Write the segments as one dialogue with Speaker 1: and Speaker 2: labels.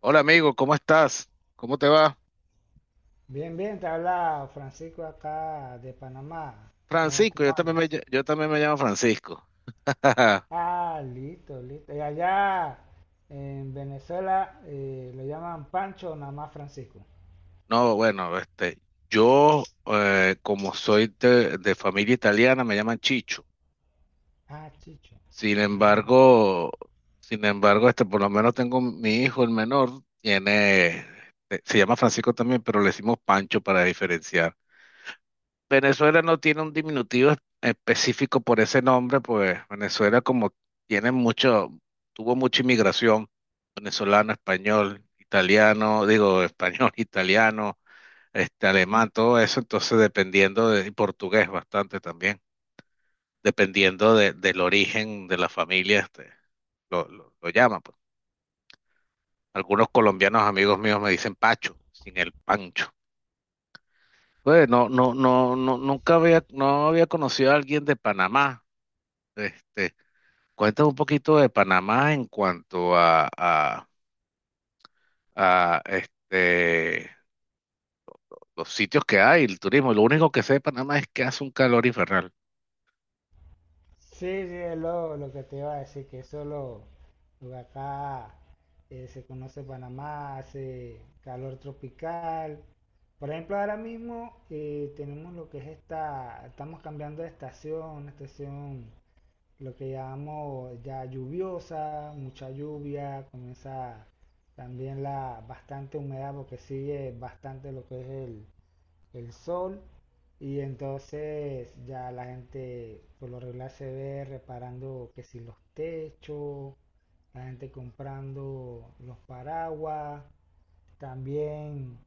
Speaker 1: Hola amigo, ¿cómo estás? ¿Cómo te va?
Speaker 2: Bien, bien, te habla Francisco acá de Panamá. ¿Cómo,
Speaker 1: Francisco,
Speaker 2: cómo andas?
Speaker 1: yo también me llamo Francisco.
Speaker 2: Ah, listo, listo. Y allá en Venezuela lo llaman Pancho, o nada más Francisco.
Speaker 1: No, bueno, este, yo como soy de familia italiana me llaman Chicho.
Speaker 2: Ah, Chicho.
Speaker 1: Sin
Speaker 2: Ah.
Speaker 1: embargo, sin embargo, este, por lo menos tengo mi hijo, el menor, tiene, este, se llama Francisco también, pero le decimos Pancho para diferenciar. Venezuela no tiene un diminutivo específico por ese nombre, pues Venezuela como tiene mucho, tuvo mucha inmigración, venezolano, español, italiano, digo español, italiano, este alemán, todo eso, entonces y portugués bastante también, dependiendo del origen de la familia, este, lo llaman, pues. Algunos colombianos amigos míos me dicen Pacho, sin el Pancho. Pues no, no, no, no, nunca había, no había conocido a alguien de Panamá. Este, cuéntame un poquito de Panamá en cuanto a este, los sitios que hay, el turismo. Lo único que sé de Panamá es que hace un calor infernal.
Speaker 2: Sí, sí, es lo que te iba a decir, que eso lo que acá se conoce Panamá, hace calor tropical. Por ejemplo, ahora mismo tenemos lo que es esta, estamos cambiando de estación, una estación. Lo que llamamos ya lluviosa, mucha lluvia, comienza también la bastante humedad porque sigue bastante lo que es el sol y entonces ya la gente por lo regular se ve reparando que si los techos, la gente comprando los paraguas también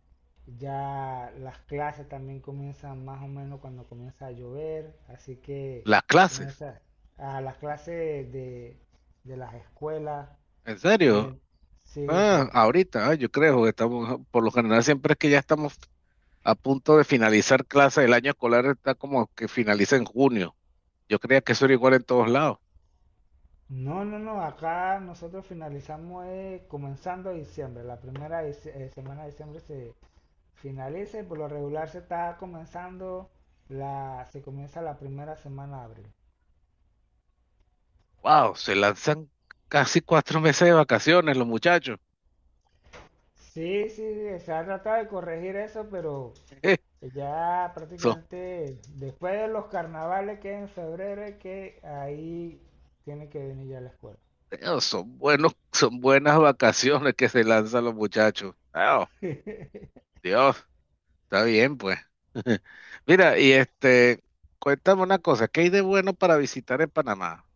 Speaker 2: ya las clases también comienzan más o menos cuando comienza a llover, así que
Speaker 1: Las clases,
Speaker 2: comienza a las clases de las escuelas
Speaker 1: ¿en
Speaker 2: y
Speaker 1: serio?
Speaker 2: en- sí, sí.
Speaker 1: Ah, ahorita, ah, yo creo que estamos, ah, Por lo general siempre es que ya estamos a punto de finalizar clases. El año escolar está como que finaliza en junio. Yo creía que eso era igual en todos lados.
Speaker 2: No, no, no, acá nosotros finalizamos comenzando diciembre, la primera semana de diciembre se finaliza y por lo regular se está comenzando la, se comienza la primera semana de abril.
Speaker 1: Wow, se lanzan casi cuatro meses de vacaciones los muchachos.
Speaker 2: Sí, sí, sí, se ha tratado de corregir eso, pero que ya
Speaker 1: Son
Speaker 2: prácticamente después de los carnavales que es en febrero es que ahí tiene que venir ya la escuela.
Speaker 1: Dios, son buenos, son buenas vacaciones que se lanzan los muchachos. Ah, Dios, está bien, pues. Mira, y este, cuéntame una cosa, ¿qué hay de bueno para visitar en Panamá?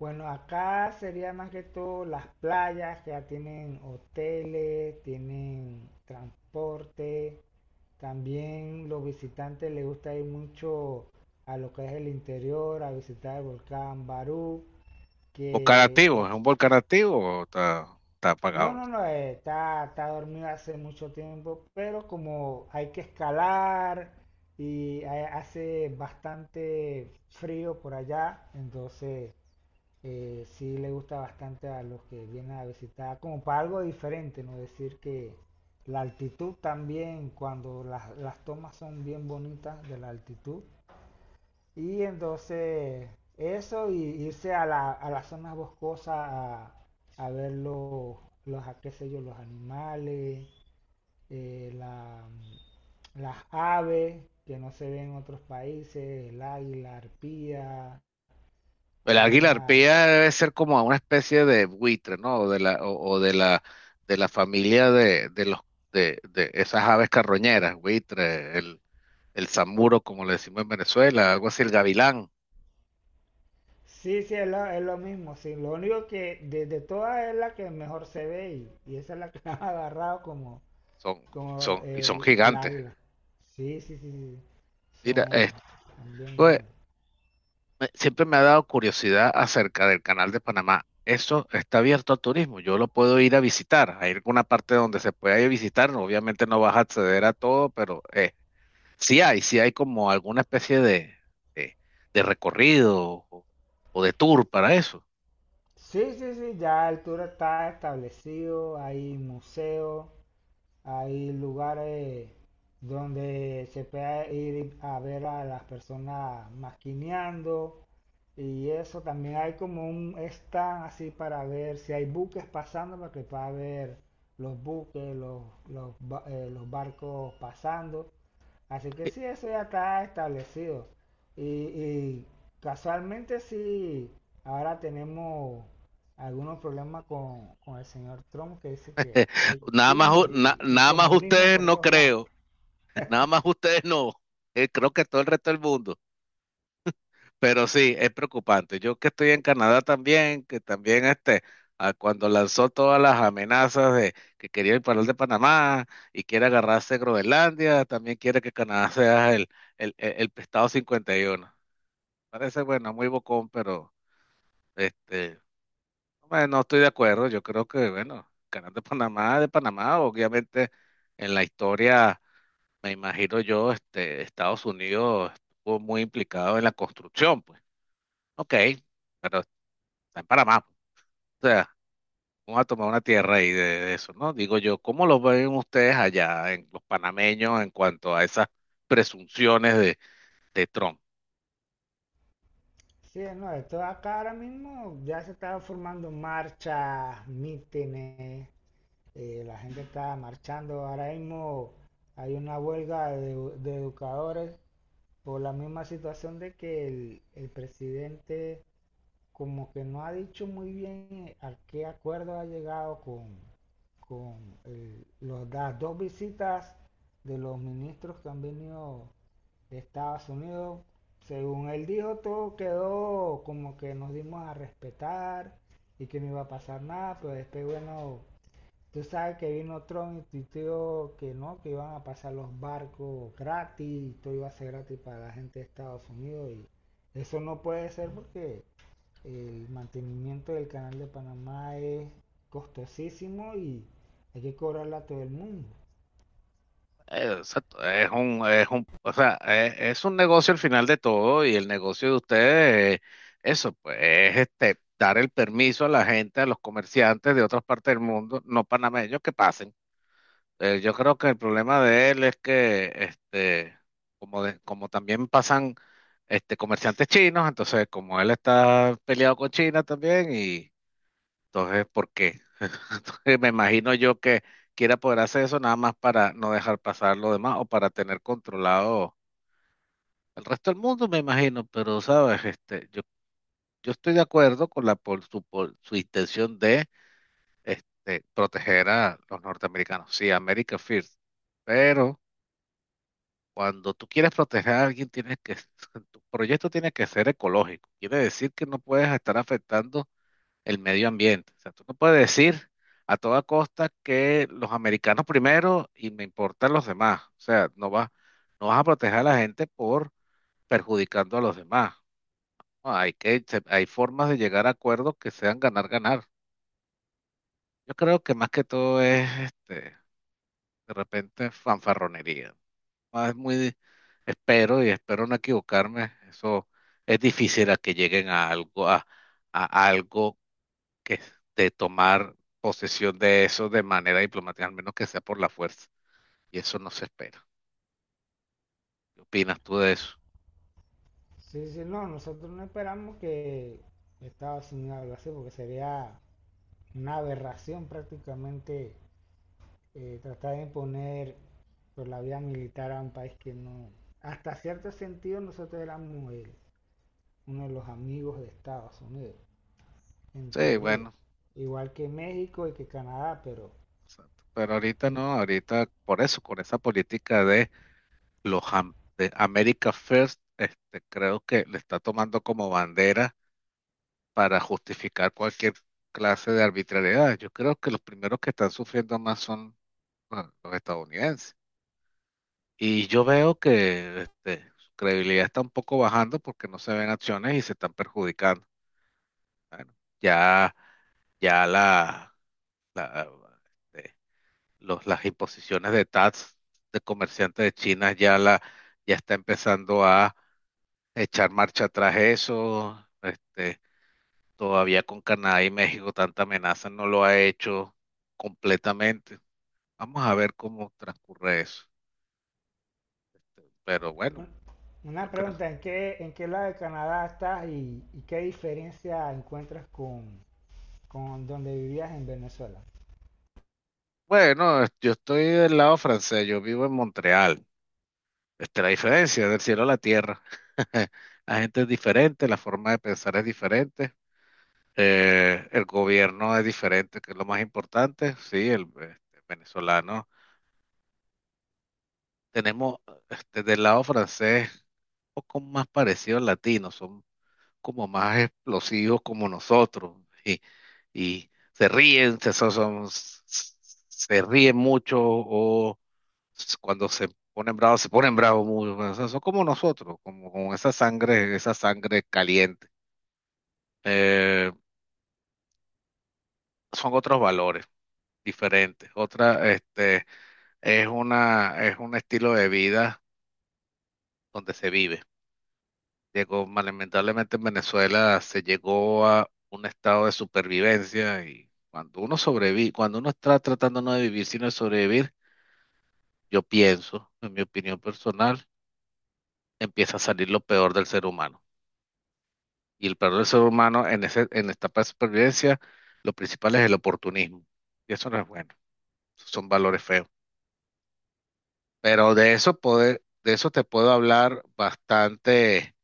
Speaker 2: Bueno, acá sería más que todo las playas, que ya tienen hoteles, tienen transporte, también los visitantes les gusta ir mucho a lo que es el interior, a visitar el volcán Barú,
Speaker 1: ¿Volcán
Speaker 2: que
Speaker 1: activo? ¿Es un volcán activo o está
Speaker 2: no,
Speaker 1: apagado?
Speaker 2: no, no, está, está dormido hace mucho tiempo, pero como hay que escalar y hace bastante frío por allá, entonces sí le gusta bastante a los que vienen a visitar, como para algo diferente, ¿no? Decir que la altitud también, cuando las tomas son bien bonitas de la altitud, y entonces eso y irse a la, a las zonas boscosas a ver los, a qué sé yo, los animales, eh, la- las aves que no se ven en otros países, el águila, arpía,
Speaker 1: El
Speaker 2: hay
Speaker 1: águila
Speaker 2: una...
Speaker 1: arpía debe ser como una especie de buitre, ¿no? O de la, De la familia de esas aves carroñeras, buitre, el zamuro, como le decimos en Venezuela, algo así, el gavilán.
Speaker 2: Sí, sí, es lo mismo, sí. Lo único que de todas es la que mejor se ve y esa es la que han agarrado como,
Speaker 1: Son,
Speaker 2: como
Speaker 1: son, y
Speaker 2: eh,
Speaker 1: son
Speaker 2: el
Speaker 1: gigantes.
Speaker 2: águila. Sí, sí, sí, sí.
Speaker 1: Mira,
Speaker 2: Son, son bien
Speaker 1: oye,
Speaker 2: grandes.
Speaker 1: siempre me ha dado curiosidad acerca del canal de Panamá. Eso está abierto al turismo. Yo lo puedo ir a visitar. Hay alguna parte donde se pueda ir a visitar. No, obviamente no vas a acceder a todo, pero sí hay como alguna especie de, de recorrido o de tour para eso.
Speaker 2: Sí, sí, sí, ya el tour está establecido, hay museos, hay lugares donde se puede ir a ver a las personas maquineando y eso, también hay como un stand así para ver si hay buques pasando, para que pueda ver los buques, los, los, los barcos pasando. Así que
Speaker 1: Eh,
Speaker 2: sí, eso ya está establecido. Y, y casualmente sí, ahora tenemos algunos problemas con el señor Trump que dice que hay chinos y
Speaker 1: Nada más
Speaker 2: comunismo
Speaker 1: ustedes
Speaker 2: por
Speaker 1: no
Speaker 2: todos lados.
Speaker 1: creo. Nada más ustedes no. Creo que todo el resto del mundo. Pero sí, es preocupante. Yo que estoy en Canadá también, que también cuando lanzó todas las amenazas de que quería el paral de Panamá y quiere agarrarse Groenlandia, también quiere que Canadá sea el pescado 51. Parece, bueno, muy bocón, pero este, bueno, no estoy de acuerdo. Yo creo que, bueno, Canal de Panamá, obviamente en la historia, me imagino yo, este, Estados Unidos estuvo muy implicado en la construcción, pues. Ok, pero está en Panamá, pues. O sea, vamos a tomar una tierra ahí de eso, ¿no? Digo yo, ¿cómo lo ven ustedes allá, en los panameños, en cuanto a esas presunciones de Trump?
Speaker 2: Sí, no, esto acá ahora mismo ya se están formando marchas, mítines, la gente está marchando. Ahora mismo hay una huelga de educadores por la misma situación de que el presidente como que no ha dicho muy bien a qué acuerdo ha llegado con las dos visitas de los ministros que han venido de Estados Unidos. Según él dijo, todo quedó como que nos dimos a respetar y que no iba a pasar nada, pero después, bueno, tú sabes que vino Trump y tuiteó que no, que iban a pasar los barcos gratis y todo iba a ser gratis para la gente de Estados Unidos. Y eso no puede ser porque el mantenimiento del canal de Panamá es costosísimo y hay que cobrarla a todo el mundo.
Speaker 1: Exacto, es un, o sea, es un negocio al final de todo y el negocio de ustedes, eso, pues, es este, dar el permiso a la gente, a los comerciantes de otras partes del mundo, no panameños, que pasen. Yo creo que el problema de él es que, este, como, como también pasan este, comerciantes chinos, entonces como él está peleado con China también, y entonces, ¿por qué? Entonces, me imagino yo que quiera poder hacer eso nada más para no dejar pasar lo demás o para tener controlado el resto del mundo, me imagino, pero sabes, este, yo estoy de acuerdo con la por su intención de este, proteger a los norteamericanos. Sí, America First, pero cuando tú quieres proteger a alguien, tienes que, tu proyecto tiene que ser ecológico. Quiere decir que no puedes estar afectando el medio ambiente. O sea, tú no puedes decir a toda costa que los americanos primero y me importan los demás. O sea, no vas a proteger a la gente por perjudicando a los demás. No, hay hay formas de llegar a acuerdos que sean ganar, ganar. Yo creo que más que todo es, este, de repente fanfarronería. Ah, Es muy, espero y espero no equivocarme. Eso es difícil a que lleguen a a algo que es de tomar posesión de eso de manera diplomática, al menos que sea por la fuerza. Y eso no se espera. ¿Qué opinas tú de eso?
Speaker 2: Sí, dice, no, nosotros no esperamos que Estados Unidos lo hace porque sería una aberración prácticamente, tratar de imponer por la vía militar a un país que no, hasta cierto sentido nosotros éramos uno de los amigos de Estados Unidos, en
Speaker 1: Sí,
Speaker 2: teoría,
Speaker 1: bueno,
Speaker 2: igual que México y que Canadá, pero
Speaker 1: exacto, pero ahorita
Speaker 2: mm,
Speaker 1: no, ahorita por eso, con esa política de de America First, este, creo que le está tomando como bandera para justificar cualquier clase de arbitrariedad. Yo creo que los primeros que están sufriendo más son bueno, los estadounidenses. Y yo veo que este, su credibilidad está un poco bajando porque no se ven acciones y se están perjudicando. Bueno, ya, ya la, la, este, los, las imposiciones de tax de comerciantes de China ya está empezando a echar marcha atrás eso. Este, todavía con Canadá y México tanta amenaza no lo ha hecho completamente. Vamos a ver cómo transcurre eso. Pero bueno,
Speaker 2: bueno, una
Speaker 1: yo creo.
Speaker 2: pregunta, en qué lado de Canadá estás y qué diferencia encuentras con donde vivías en Venezuela?
Speaker 1: Bueno, yo estoy del lado francés, yo vivo en Montreal. Esta es la diferencia del cielo a la tierra. La gente es diferente, la forma de pensar es diferente, el gobierno es diferente, que es lo más importante. Sí, el, este, venezolano. Tenemos este, del lado francés un poco más parecido al latino, son como más explosivos como nosotros y, y se ríen, se ríen mucho o cuando se ponen bravos muy, o sea, son como nosotros, como con esa sangre caliente. Eh, son otros valores diferentes. Otra, este, es una, es un estilo de vida donde se vive. Lamentablemente en Venezuela se llegó a un estado de supervivencia y cuando uno sobrevive, cuando uno está tratando no de vivir sino de sobrevivir, yo pienso, en mi opinión personal, empieza a salir lo peor del ser humano. Y el peor del ser humano en esta etapa de supervivencia, lo principal es el oportunismo. Y eso no es bueno, esos son valores feos. Pero de eso poder, de eso te puedo hablar bastante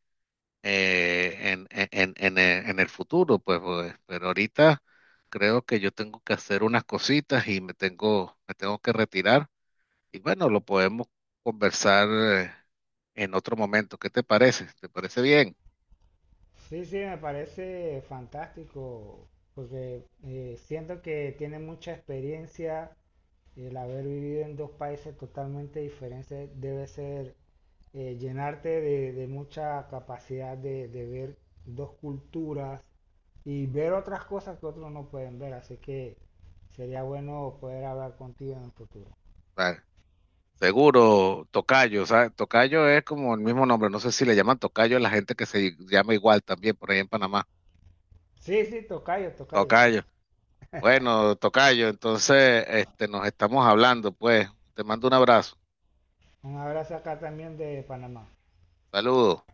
Speaker 1: eh, en, en- en- en- el futuro, pues, pues, pero ahorita creo que yo tengo que hacer unas cositas y me tengo que retirar. Y bueno, lo podemos conversar en otro momento. ¿Qué te parece? ¿Te parece bien?
Speaker 2: Sí, sí, me parece fantástico porque siento que tiene mucha experiencia, el haber vivido en dos países totalmente diferentes debe ser, llenarte de mucha capacidad de ver dos culturas y ver otras cosas que otros no pueden ver. Así que sería bueno poder hablar contigo en el futuro.
Speaker 1: Vale. Seguro, tocayo, ¿sabes? Tocayo es como el mismo nombre, no sé si le llaman tocayo a la gente que se llama igual también por ahí en Panamá.
Speaker 2: Sí, sí, tocayo, tocayo, sí.
Speaker 1: Tocayo. Bueno, tocayo, entonces este, nos estamos hablando, pues. Te mando un abrazo.
Speaker 2: Un abrazo acá también de Panamá.
Speaker 1: Saludos.